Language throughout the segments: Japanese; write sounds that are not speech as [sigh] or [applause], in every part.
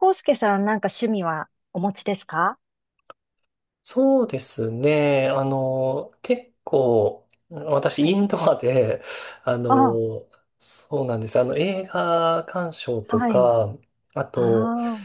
康介さん、なんか趣味はお持ちですか？そうですね。結構、私、はイい。ンドアで、[laughs] ああの、そうなんです。映画鑑賞あ、とはい。か、あと、ああ、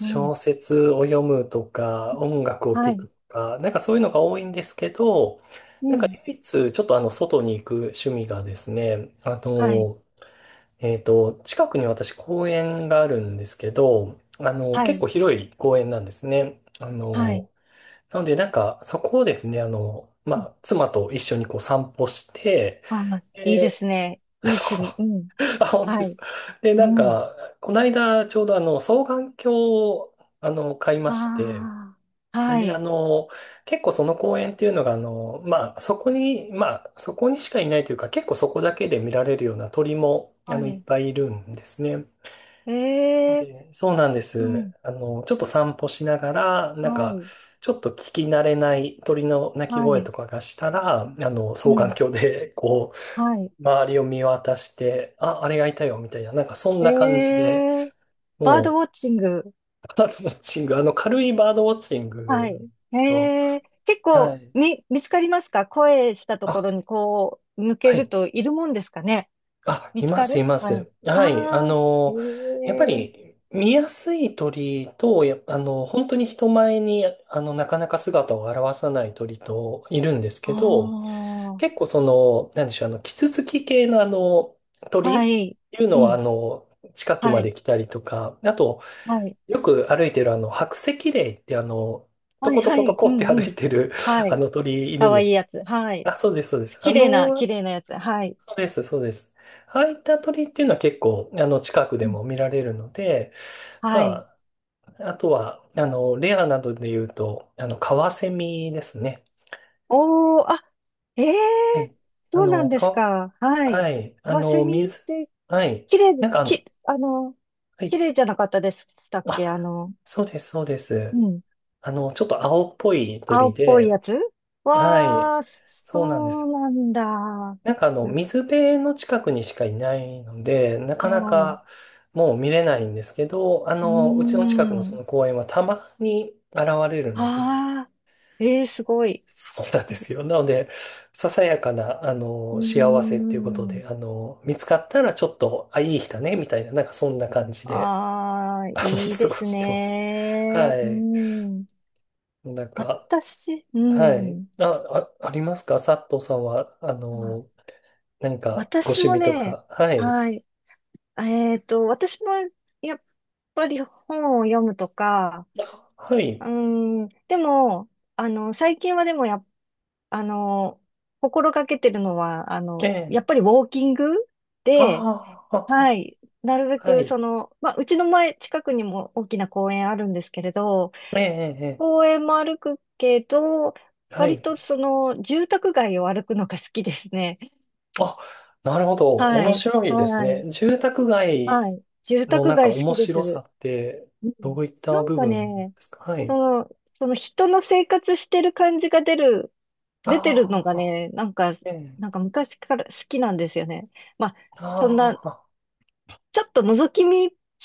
うん。説を読むとか、音楽をは聴い。くとか、なんかそういうのが多いんですけど、なうんかん。唯一、ちょっと外に行く趣味がですね、はい。近くに私公園があるんですけど、は結い。構広い公園なんですね。はい。なので、なんか、そこをですね、まうん。あ、妻と一緒にこう散歩して、ああ、いいでで、すね。いい趣そ味。うん。う、[laughs] あ、本当ではい。すか。で、なんうん。か、この間、ちょうど双眼鏡を、買いまして、ああ、はで、い。結構その公園っていうのが、まあ、そこに、まあ、そこにしかいないというか、結構そこだけで見られるような鳥も、はいっい。ぱいいるんですね。ええ、そうなんでうす。ん。ちょっと散歩しながら、なはんか、い。ちょっと聞き慣れない鳥の鳴きは声とい。かがしたら、う双眼ん。鏡で、こはい。う、周りを見渡して、あ、あれがいたよ、みたいな、なんかそんな感じえで、え、バードもウォッチング。う、バードウォッチング、軽いバードウォッチンはグい。の、へえ、結は構い。見つかりますか？声したところあ、にこう、向けはるい。といるもんですかね？あ、見いつまかす、いる、まはい。す。はい。ああ、へやっぱえ、り見やすい鳥と、や、あの、本当に人前に、なかなか姿を現さない鳥といるんですあけど、あ、結構その、なんでしょう、キツツキ系のは鳥い、いううのは、ん、近くはまでい、来たりとか、あと、はい、よく歩いてる白石霊ってトはい、コトはコトい、コうって歩ん、ういん、てる、はあい。の鳥いるかんわでいいす。やつ、はい。あ、そうです、そうです。綺麗な、綺麗なやつ、はい、そうです、そうです。ああいった鳥っていうのは結構、近くでうん、も見られるので、はい。まあ、あとは、レアなどで言うと、カワセミですね。おー、あ、ええ、はい。あそうなの、んですか、か、はい。はい。カワセミってはい。綺麗なんかき、あの、はい。綺麗じゃなかったでしたっあ、け？そうです、そうでうす。ん。ちょっと青っぽい青鳥っぽいやで、つ、はい。わー、そうなんでそうす。なんだ。はなんか水辺の近くにしかいないので、なかない。かもう見れないんですけど、うーうちの近くのそん。の公園はたまに現れるので、ああ、えー、すごい。そうなんですよ。なので、ささやかな、うー幸せっていうことん。で、見つかったらちょっと、あ、いい日だね、みたいな、なんかそんな感じで、ああ、[laughs] あの、いい過でごすしてます。ね。はうい。ん。なんか、私、うはい。ん。あ、あ、ありますか、佐藤さんは、あ、何かご私趣も味とね、か？はい。はい。私もやっぱり本を読むとか、あ、はうい。ーん、でも、最近はでもやっ、あの、心がけてるのは、ええ。やっぱりウォーキングで、ああ、あはい、なるべあ、はくい。その、まあ、うちの前、近くにも大きな公園あるんですけれど、ええ、ええ、公園も歩くけど、ええ、は割い。とその、住宅街を歩くのが好きですね。あ、なるほど。は面い、白いですはね。い、住宅街はい。住の宅なんか街好面きで白さす。って、うどん。ういったなん部か分でね、すか？はい。その人の生活してる感じが出る、出てるのあがあ、ね、なんか、ええ、昔から好きなんですよね。まあ、そんあな、あ、ちょっと覗き見、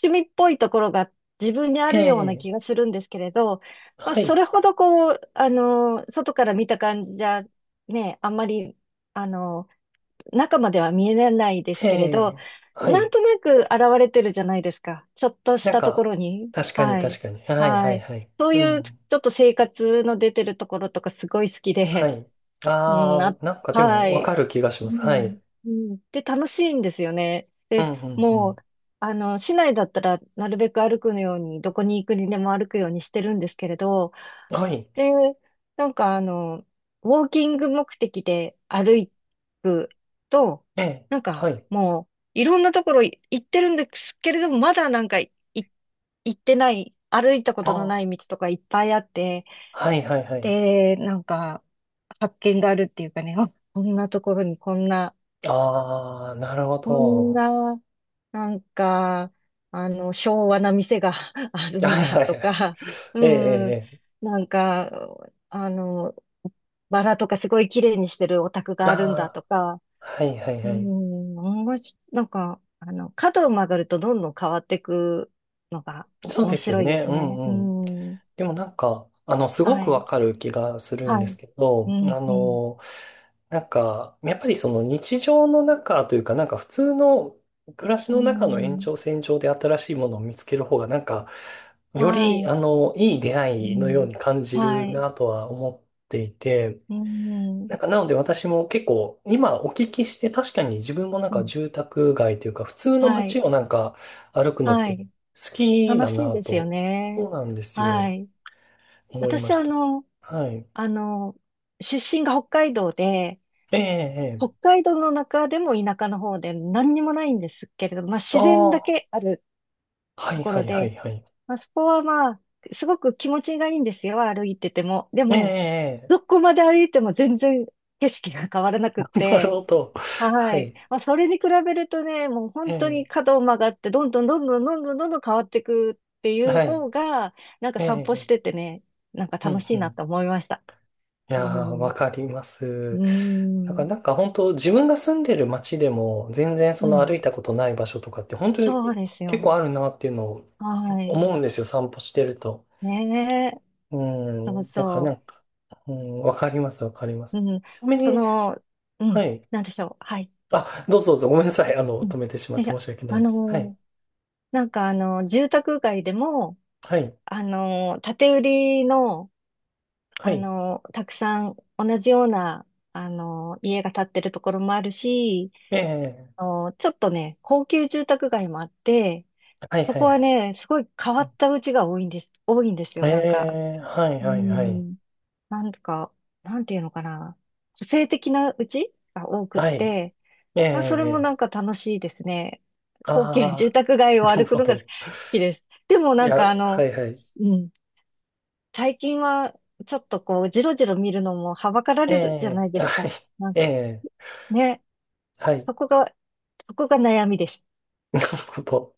趣味っぽいところが自分にあえるようなえ、気がするんですけれど、まあ、はそい。れほどこう、外から見た感じじゃ、ね、あんまり、あの、中までは見えないですえけれど、え、はなんい。となく現れてるじゃないですか。ちょっとしなんたとこか、ろに。確かにはい。確かに。はい、ははい、い。はい。そうういうちん。ょっと生活の出てるところとかすごい好きはで、い。うん、ああ、あ、なんかでもはわい。かる気がしうます。はい。ん、うん。で、楽しいんですよね。うで、ん、うもう、ん、市内だったらなるべく歩くように、どこに行くにでも歩くようにしてるんですけれど、うん。はい。で、なんかウォーキング目的で歩くと、ええ、なんはかい。もういろんなところ行ってるんですけれども、まだなんか行ってない、歩いたこあとのないあ。道とかいっぱいあって、はいはいはい。で、なんか発見があるっていうかね、[laughs] あ、こんなところにこんなああ、なるほこんど。な、なんか、昭和な店が [laughs] あるんはいだはといはい。か、[laughs] ええ、えうん、え。えなんか、あの、バラとかすごい綺麗にしてるお宅え、があるんだああ、とか、はいはいうはい。ん、面白い、なんか、角を曲がるとどんどん変わっていくのがそう面ですよ白いでね。すうね。うんうん。ん、でもなんか、すごはくわい、かる気がするんはですい、けうど、ん、うん、なんか、やっぱりその日常の中というか、なんか普通の暮らしうの中の延ん、長線上で新しいものを見つける方が、なんか、よはり、い、いい出う会いのようん、に感じはるい、なとは思っていて、うん、なんか、なので私も結構、今お聞きして、確かに自分もなんうかん、住宅街というか、普通のは街い。をなんか歩くのっはてい。好き楽だしいなですよと、そね。うなんですはよ、い。思いま私、した。はい。あの、出身が北海道で、ええ、え北え。海道の中でも田舎の方で何にもないんですけれど、まああ自然だあ、けあるはといこはろいはで、いはい。まあそこはまあ、すごく気持ちがいいんですよ、歩いてても。でええ、も、ええ。どこまで歩いても全然景色が変わらな [laughs] くっなるて、ほど。ははい。い。まあ、それに比べるとね、もうえ本当にえ、角を曲がって、どんどんどんどんどんどんどんどん変わっていくっていうはい。方が、なんかえ散歩しえ、ててね、なんかう楽んしういなん。と思いました。いうやー、ん。わかります。うだからん。なんか本当自分が住んでる街でも全然そうの歩ん。いたことない場所とかって本当そうにです結構よ。あるなっていうのをはい。思うんですよ、散歩してると。ねえ。うそうん。だからなそんか、うん、わかります、わかりまう。す。うん。ちなみそに、の、うん。はい。なんでしょう。はい。あ、どうぞどうぞ、ごめんなさい。うん。止めてしまっいて申や、し訳なあいです。はい。のーなんか住宅街でも、はい。建て売りの、はい。たくさん同じような、家が建ってるところもあるし、ええ、ちょっとね、高級住宅街もあって、はいそはいこははい。ね、すごい変わった家が多いんです、多いんですえよ、なんか。え、はいうはいはい。ん。なんか、なんていうのかな。個性的な家が多くっはて、い。えまあ、それもなえ、んか楽しいですね。高級あ住あ宅街ー、を [laughs] なる歩くほのが好ど。きです。でもいなんや、かはいはい。うん。最近は、ちょっとこう、じろじろ見るのもはばからえれるじゃえ、ないはい。ですか。[laughs] なんええ、ね、はい。そこが、そこが悩みです。[laughs] なるほど。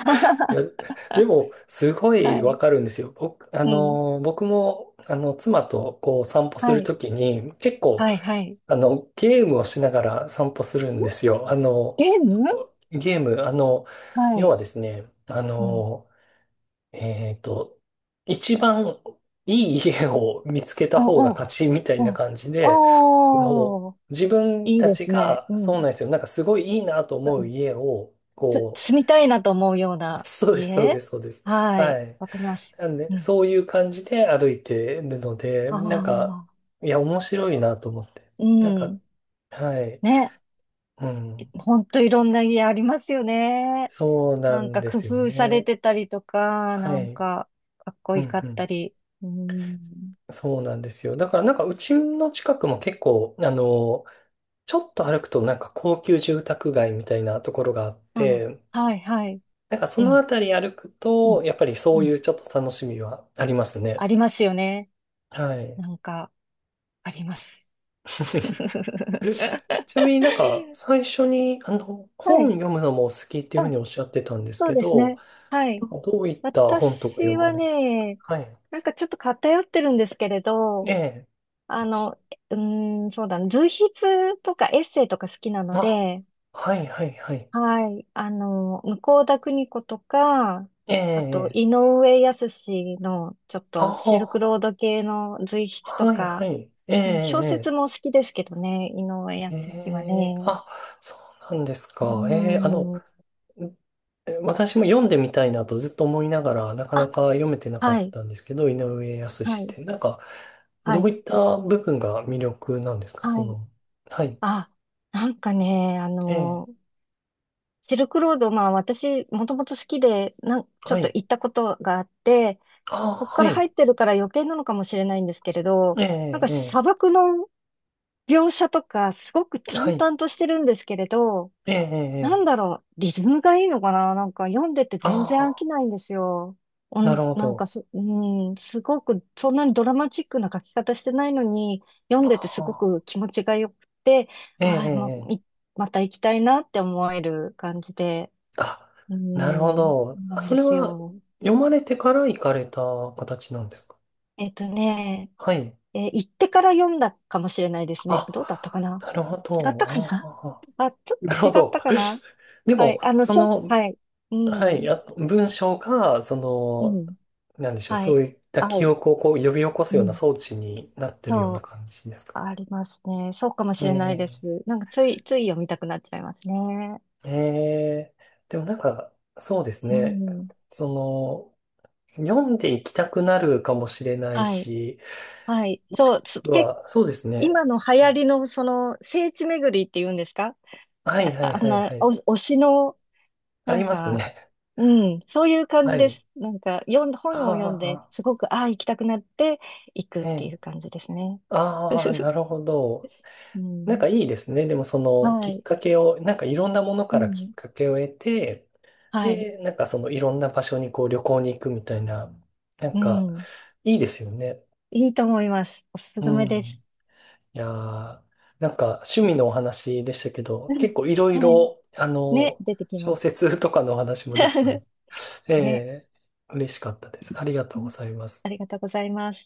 いや、[laughs] でも、すごはいわい。かるんですよ。うん。僕も、妻と、こう、散歩すはるい。ときに、結構、はい。はい。ん。ゲームをしながら散歩するんですよ。ゲーちょっム。とゲーム、は要はい。ですね、うん。えっと、一番いい家を見つけたあ、方がお、勝ちみたいなお、感じで、あの、おー、自分いいたでちすね。が、うそうん。なんですよ。なんかすごいいいなとう思うん。家を、こ住みたいなと思うようう、[laughs] なそうです、そうで家。す、そうです。はい。はい。わかります。なんうで、ん。そういう感じで歩いてるので、あなんか、あ、いや、面白いなと思って。うなんか、ん。はい。ね。うん。ほんといろんな家ありますよね。そうななんんかで工すよ夫されね。てたりとか、はなんい。かかっこういん、いかうったん。り。うん。そうなんですよ。だからなんかうちの近くも結構、ちょっと歩くとなんか高級住宅街みたいなところがあっあ、て、はいはい。なんかそうのあん、たり歩くうと、ん、やっぱりうそういん。うちょっと楽しみはありますあね。りますよね。はい。なんか、あります。[laughs] [laughs] ちなみになんか最初にあのは本い。読むのもお好きっていうあ、ふうにおっしゃってたんですそうけですど、ね。はない。んかどういった本とか読私まはれ、ね、はい。なんかちょっと偏ってるんですけれえど、え。あの、うーん、そうだな、随筆とかエッセイとか好きなのあ、で、はいはいはい。はい。向田邦子とか、えあと、え。井上靖の、ちょっあとシルクあ、ロード系の随筆とはいはか、い。えうん、小説え、も好きですけどね、井上ええ、靖はええ、ね。あ、そうなんですうか。ええ、ん。私も読んでみたいなとずっと思いながら、なかなあ、か読めてなかはっい、たんですけど、井上は靖っい、て、なんか、はどうい、いった部分が魅力なんですか？そはい。の、はい。あ、なんかね、ええ、シルクロード、まあ私、もともと好きで、ちょはっとい。行ったことがあって、ああ、そこかはら入っい。てるから余計なのかもしれないんですけれど、えなんかえ、砂え漠の描写とかすごくえ、は淡い。々としてるんですけれど、えなえ、んだええ、ろう、リズムがいいのかな。なんか読んでて全然飽あきないんですよ。おあ、なるん、ほなんかど。うん、すごく、そんなにドラマチックな書き方してないのに、読んあでてすごくあ、気持ちが良くて、えああ、ま、え、ええ、また行きたいなって思える感じで、あ、うなるほん、ど。なあ、んそでれすはよ。読まれてから行かれた形なんですか？えっとね、はい。行ってから読んだかもしれないですね。どうだったあ、かな。なるほ違っど。たかな。 あ [laughs] あ、ちょっあ、なとる違ほっど。たかな。 [laughs] ではも、い。その、はい。うはい、ん。あ、文章が、そうの、ん。なんでしょう、はそい。ういった合記う。憶をこう呼び起こすうようなん。装置になってるようなそ感じですか？う。ありますね。そうかもしえれないでえ、す。なんか、つい読みたくなっちゃいますね。えでもなんか、そうですうね。ん。その、読んでいきたくなるかもしれないはい。し、はい。そう。そうですね。今の流行りの、その、聖地巡りって言うんですか？はいあ [laughs] はいあはんいはな、お、い。推しの、あなりんますか、ね。うん。そういう [laughs] 感はじでい。す。なんか、本あを読んで、あ、すごく、ああ、行きたくなって、行くっえていえ。う感じですね。ああ、な [laughs] るほど。うなんん。かいいですね。でもそのはきっい。かけを、なんかいろんなものうからきっん。かけを得て、はい。で、なんかそのいろんな場所にこう旅行に行くみたいな、なんうかん。いいですよね。いいと思います。おすうすめです。ん。いやー、なんか趣味のお話でしたけど、うん。結構いろいはい。ろ、ね、出てき小ます。説とかのお話もできた、 [laughs] えね。え、嬉しかったです。ありがとううごん。ざいまあす。りがとうございます。